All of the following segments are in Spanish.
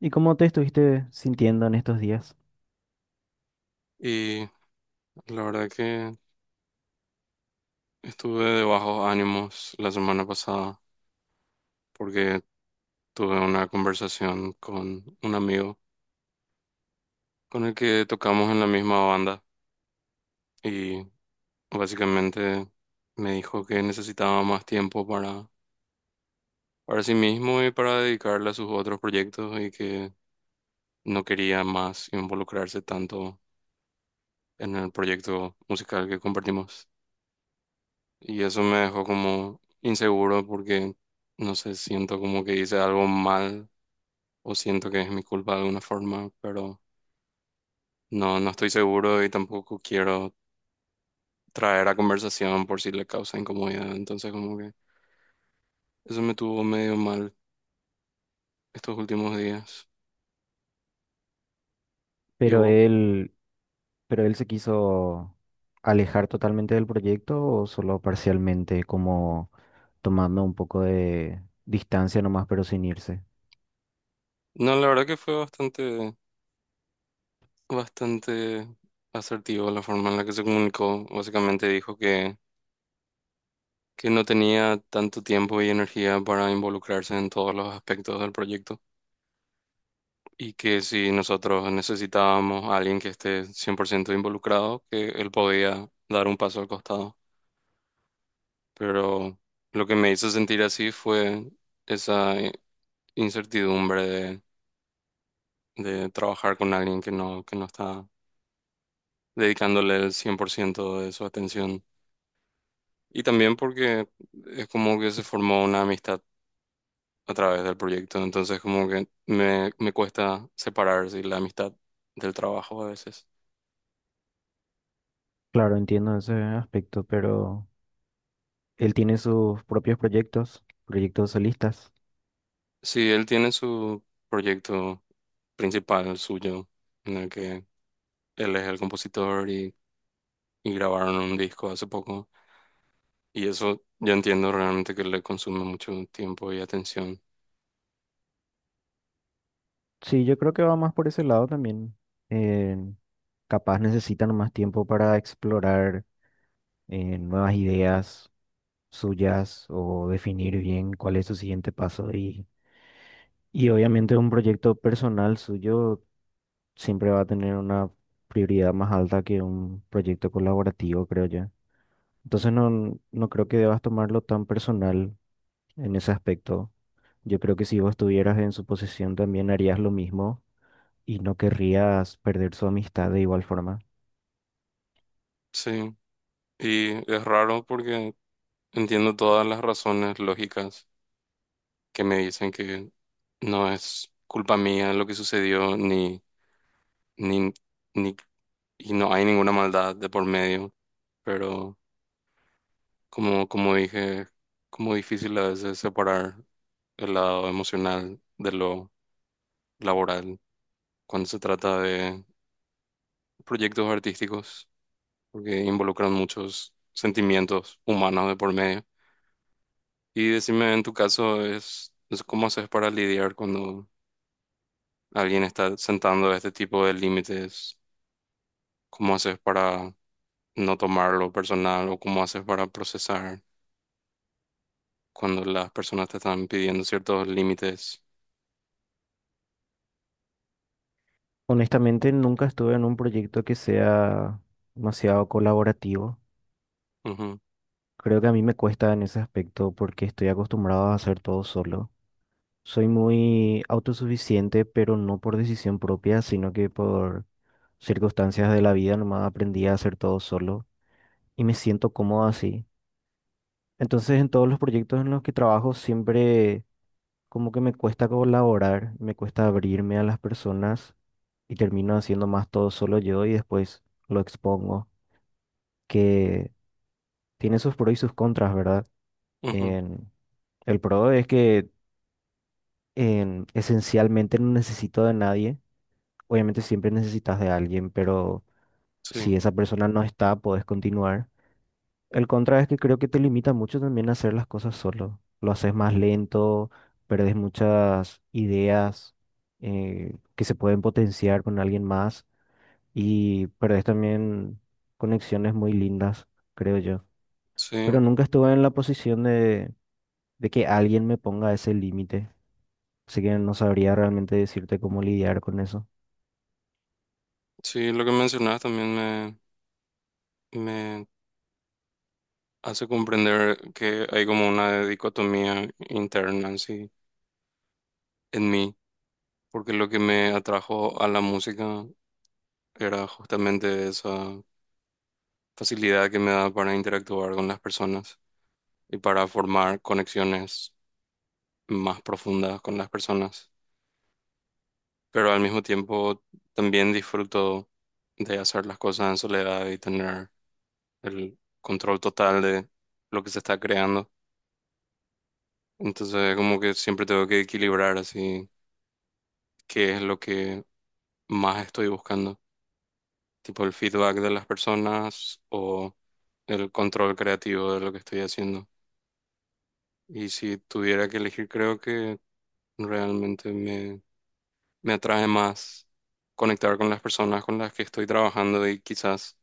¿Y cómo te estuviste sintiendo en estos días? Y la verdad que estuve de bajos ánimos la semana pasada porque tuve una conversación con un amigo con el que tocamos en la misma banda y básicamente me dijo que necesitaba más tiempo para sí mismo y para dedicarle a sus otros proyectos y que no quería más involucrarse tanto en el proyecto musical que compartimos. Y eso me dejó como inseguro porque, no sé, siento como que hice algo mal o siento que es mi culpa de alguna forma, pero no estoy seguro y tampoco quiero traer a conversación por si le causa incomodidad. Entonces, como que eso me tuvo medio mal estos últimos días. ¿Y ¿Pero vos? él, pero él se quiso alejar totalmente del proyecto o solo parcialmente, como tomando un poco de distancia nomás, pero sin irse? No, la verdad que fue bastante asertivo la forma en la que se comunicó. Básicamente dijo que no tenía tanto tiempo y energía para involucrarse en todos los aspectos del proyecto. Y que si nosotros necesitábamos a alguien que esté 100% involucrado, que él podía dar un paso al costado. Pero lo que me hizo sentir así fue esa incertidumbre de trabajar con alguien que que no está dedicándole el 100% de su atención. Y también porque es como que se formó una amistad a través del proyecto. Entonces como que me cuesta separar, sí, la amistad del trabajo a veces. Claro, entiendo ese aspecto, pero él tiene sus propios proyectos, proyectos solistas. Sí, él tiene su proyecto principal suyo, en el que él es el compositor y grabaron un disco hace poco. Y eso yo entiendo realmente que le consume mucho tiempo y atención. Sí, yo creo que va más por ese lado también. Eh, Capaz necesitan más tiempo para explorar nuevas ideas suyas o definir bien cuál es su siguiente paso y obviamente un proyecto personal suyo siempre va a tener una prioridad más alta que un proyecto colaborativo, creo yo. Entonces no, no creo que debas tomarlo tan personal en ese aspecto. Yo creo que si vos estuvieras en su posición también harías lo mismo y no querrías perder su amistad de igual forma. Sí, y es raro porque entiendo todas las razones lógicas que me dicen que no es culpa mía lo que sucedió, ni, ni, ni, y no hay ninguna maldad de por medio, pero como dije, como difícil a veces separar el lado emocional de lo laboral cuando se trata de proyectos artísticos, porque involucran muchos sentimientos humanos de por medio. Y decime, en tu caso, es cómo haces para lidiar cuando alguien está sentando este tipo de límites, cómo haces para no tomarlo personal o cómo haces para procesar cuando las personas te están pidiendo ciertos límites. Honestamente, nunca estuve en un proyecto que sea demasiado colaborativo. Ujú, Creo que a mí me cuesta en ese aspecto porque estoy acostumbrado a hacer todo solo. Soy muy autosuficiente, pero no por decisión propia, sino que por circunstancias de la vida nomás aprendí a hacer todo solo y me siento cómodo así. Entonces, en todos los proyectos en los que trabajo siempre como que me cuesta colaborar, me cuesta abrirme a las personas y termino haciendo más todo solo yo y después lo expongo, que tiene sus pros y sus contras, ¿verdad? ujú, En- el pro es que esencialmente no necesito de nadie. Obviamente siempre necesitas de alguien, pero sí, si esa persona no está, puedes continuar. El contra es que creo que te limita mucho también a hacer las cosas solo. Lo haces más lento, perdes muchas ideas que se pueden potenciar con alguien más y perdes también conexiones muy lindas, creo yo. Pero sí, nunca estuve en la posición de que alguien me ponga ese límite, así que no sabría realmente decirte cómo lidiar con eso. sí, lo que mencionas también me me hace comprender que hay como una dicotomía interna así en mí, porque lo que me atrajo a la música era justamente esa facilidad que me da para interactuar con las personas y para formar conexiones más profundas con las personas. Pero al mismo tiempo también disfruto de hacer las cosas en soledad y tener el control total de lo que se está creando. Entonces, como que siempre tengo que equilibrar así qué es lo que más estoy buscando, tipo el feedback de las personas o el control creativo de lo que estoy haciendo. Y si tuviera que elegir, creo que realmente me atrae más conectar con las personas con las que estoy trabajando y quizás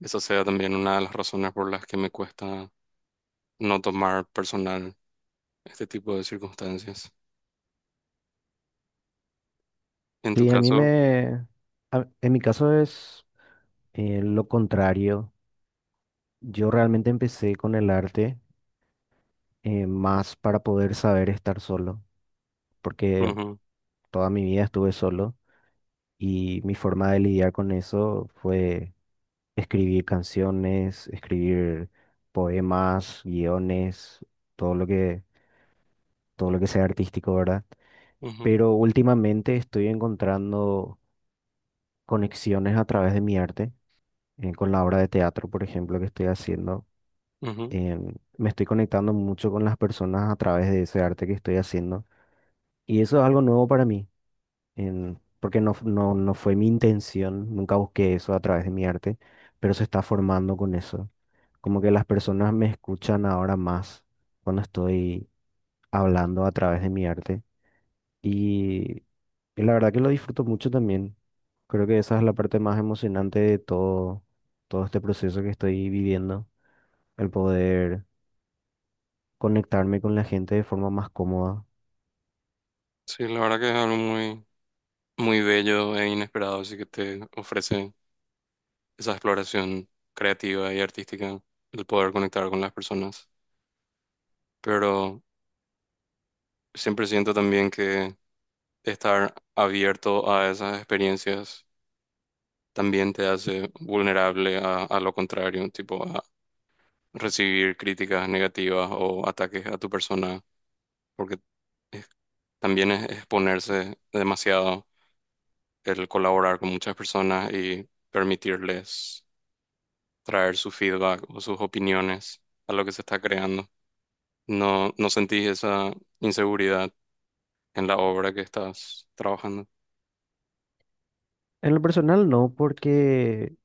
esa sea también una de las razones por las que me cuesta no tomar personal este tipo de circunstancias. En tu Sí, caso, en mi caso es lo contrario. Yo realmente empecé con el arte más para poder saber estar solo, porque ujú, toda mi vida estuve solo y mi forma de lidiar con eso fue escribir canciones, escribir poemas, guiones, todo lo que, todo lo que sea artístico, ¿verdad? ujú, Pero últimamente estoy encontrando conexiones a través de mi arte, con la obra de teatro, por ejemplo, que estoy haciendo. ujú. Me estoy conectando mucho con las personas a través de ese arte que estoy haciendo. Y eso es algo nuevo para mí, porque no, no fue mi intención, nunca busqué eso a través de mi arte, pero se está formando con eso. Como que las personas me escuchan ahora más cuando estoy hablando a través de mi arte. Y, y la verdad que lo disfruto mucho también. Creo que esa es la parte más emocionante de todo, todo este proceso que estoy viviendo, el poder conectarme con la gente de forma más cómoda. Sí, la verdad que es algo muy bello e inesperado, así que te ofrece esa exploración creativa y artística, el poder conectar con las personas. Pero siempre siento también que estar abierto a esas experiencias también te hace vulnerable a lo contrario, tipo a recibir críticas negativas o ataques a tu persona, porque es- también es exponerse demasiado el colaborar con muchas personas y permitirles traer su feedback o sus opiniones a lo que se está creando. ¿No no sentís esa inseguridad en la obra que estás trabajando? En lo personal no, porque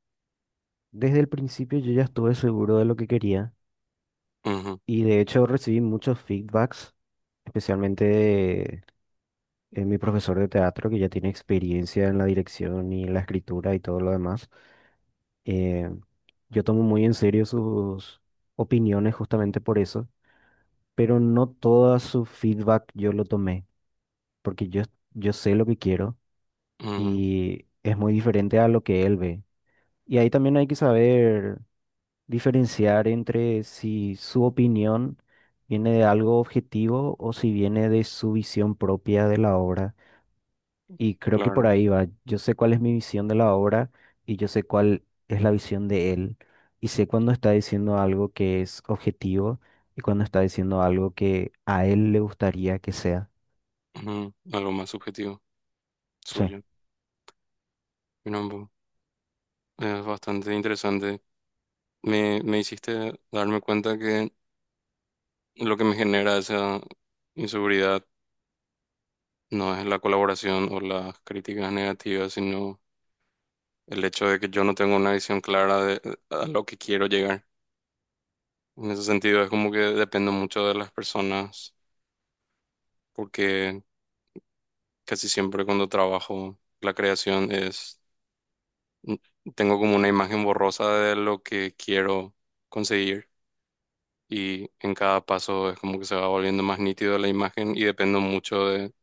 desde el principio yo ya estuve seguro de lo que quería Ujú, y de hecho recibí muchos feedbacks, especialmente de, mi profesor de teatro que ya tiene experiencia en la dirección y la escritura y todo lo demás. Eh, yo tomo muy en serio sus opiniones justamente por eso, pero no todo su feedback yo lo tomé, porque yo, yo sé lo que quiero ujú, y es muy diferente a lo que él ve. Y ahí también hay que saber diferenciar entre si su opinión viene de algo objetivo o si viene de su visión propia de la obra. Y creo que por claro, ahí va. Yo sé cuál es mi visión de la obra y yo sé cuál es la visión de él. Y sé cuando está diciendo algo que es objetivo y cuando está diciendo algo que a él le gustaría que sea. ujú, algo más subjetivo Sí, suyo. Mira, bo, es bastante interesante. Me hiciste darme cuenta que lo que me genera esa inseguridad no es la colaboración o las críticas negativas, sino el hecho de que yo no tengo una visión clara de a lo que quiero llegar. En ese sentido, es como que dependo mucho de las personas porque casi siempre cuando trabajo la creación es, tengo como una imagen borrosa de lo que quiero conseguir y en cada paso es como que se va volviendo más nítido la imagen y dependo mucho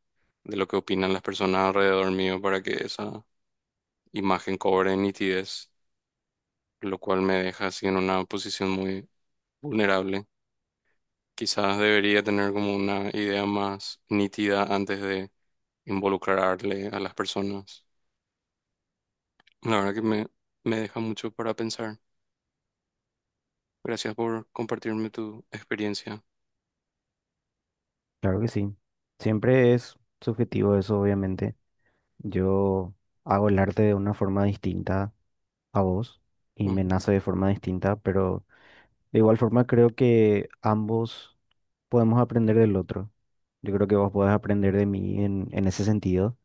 de lo que opinan las personas alrededor mío para que esa imagen cobre nitidez, lo cual me deja así en una posición muy vulnerable. Quizás debería tener como una idea más nítida antes de involucrarle a las personas. La verdad que me deja mucho para pensar. Gracias por compartirme tu experiencia. claro que sí. Siempre es subjetivo eso, obviamente. Yo hago el arte de una forma distinta a vos y me Ujú. nace de forma distinta, pero de igual forma creo que ambos podemos aprender del otro. Yo creo que vos podés aprender de mí en ese sentido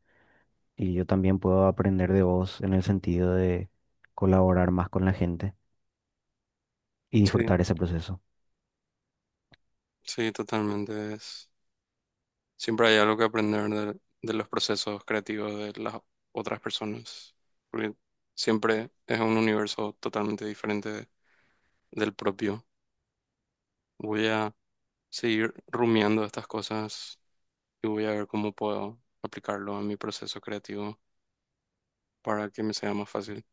y yo también puedo aprender de vos en el sentido de colaborar más con la gente y Sí, disfrutar ese proceso. sí, totalmente. Es, siempre hay algo que aprender de los procesos creativos de las otras personas, porque siempre es un universo totalmente diferente de- del propio. Voy a seguir rumiando estas cosas y voy a ver cómo puedo aplicarlo a mi proceso creativo para que me sea más fácil.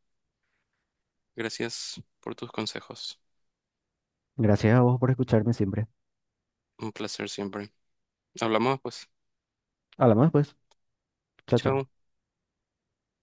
Gracias por tus consejos. Gracias a vos por escucharme siempre. Un placer siempre. Hablamos, pues. Hablamos después. Chao, chao. Chao.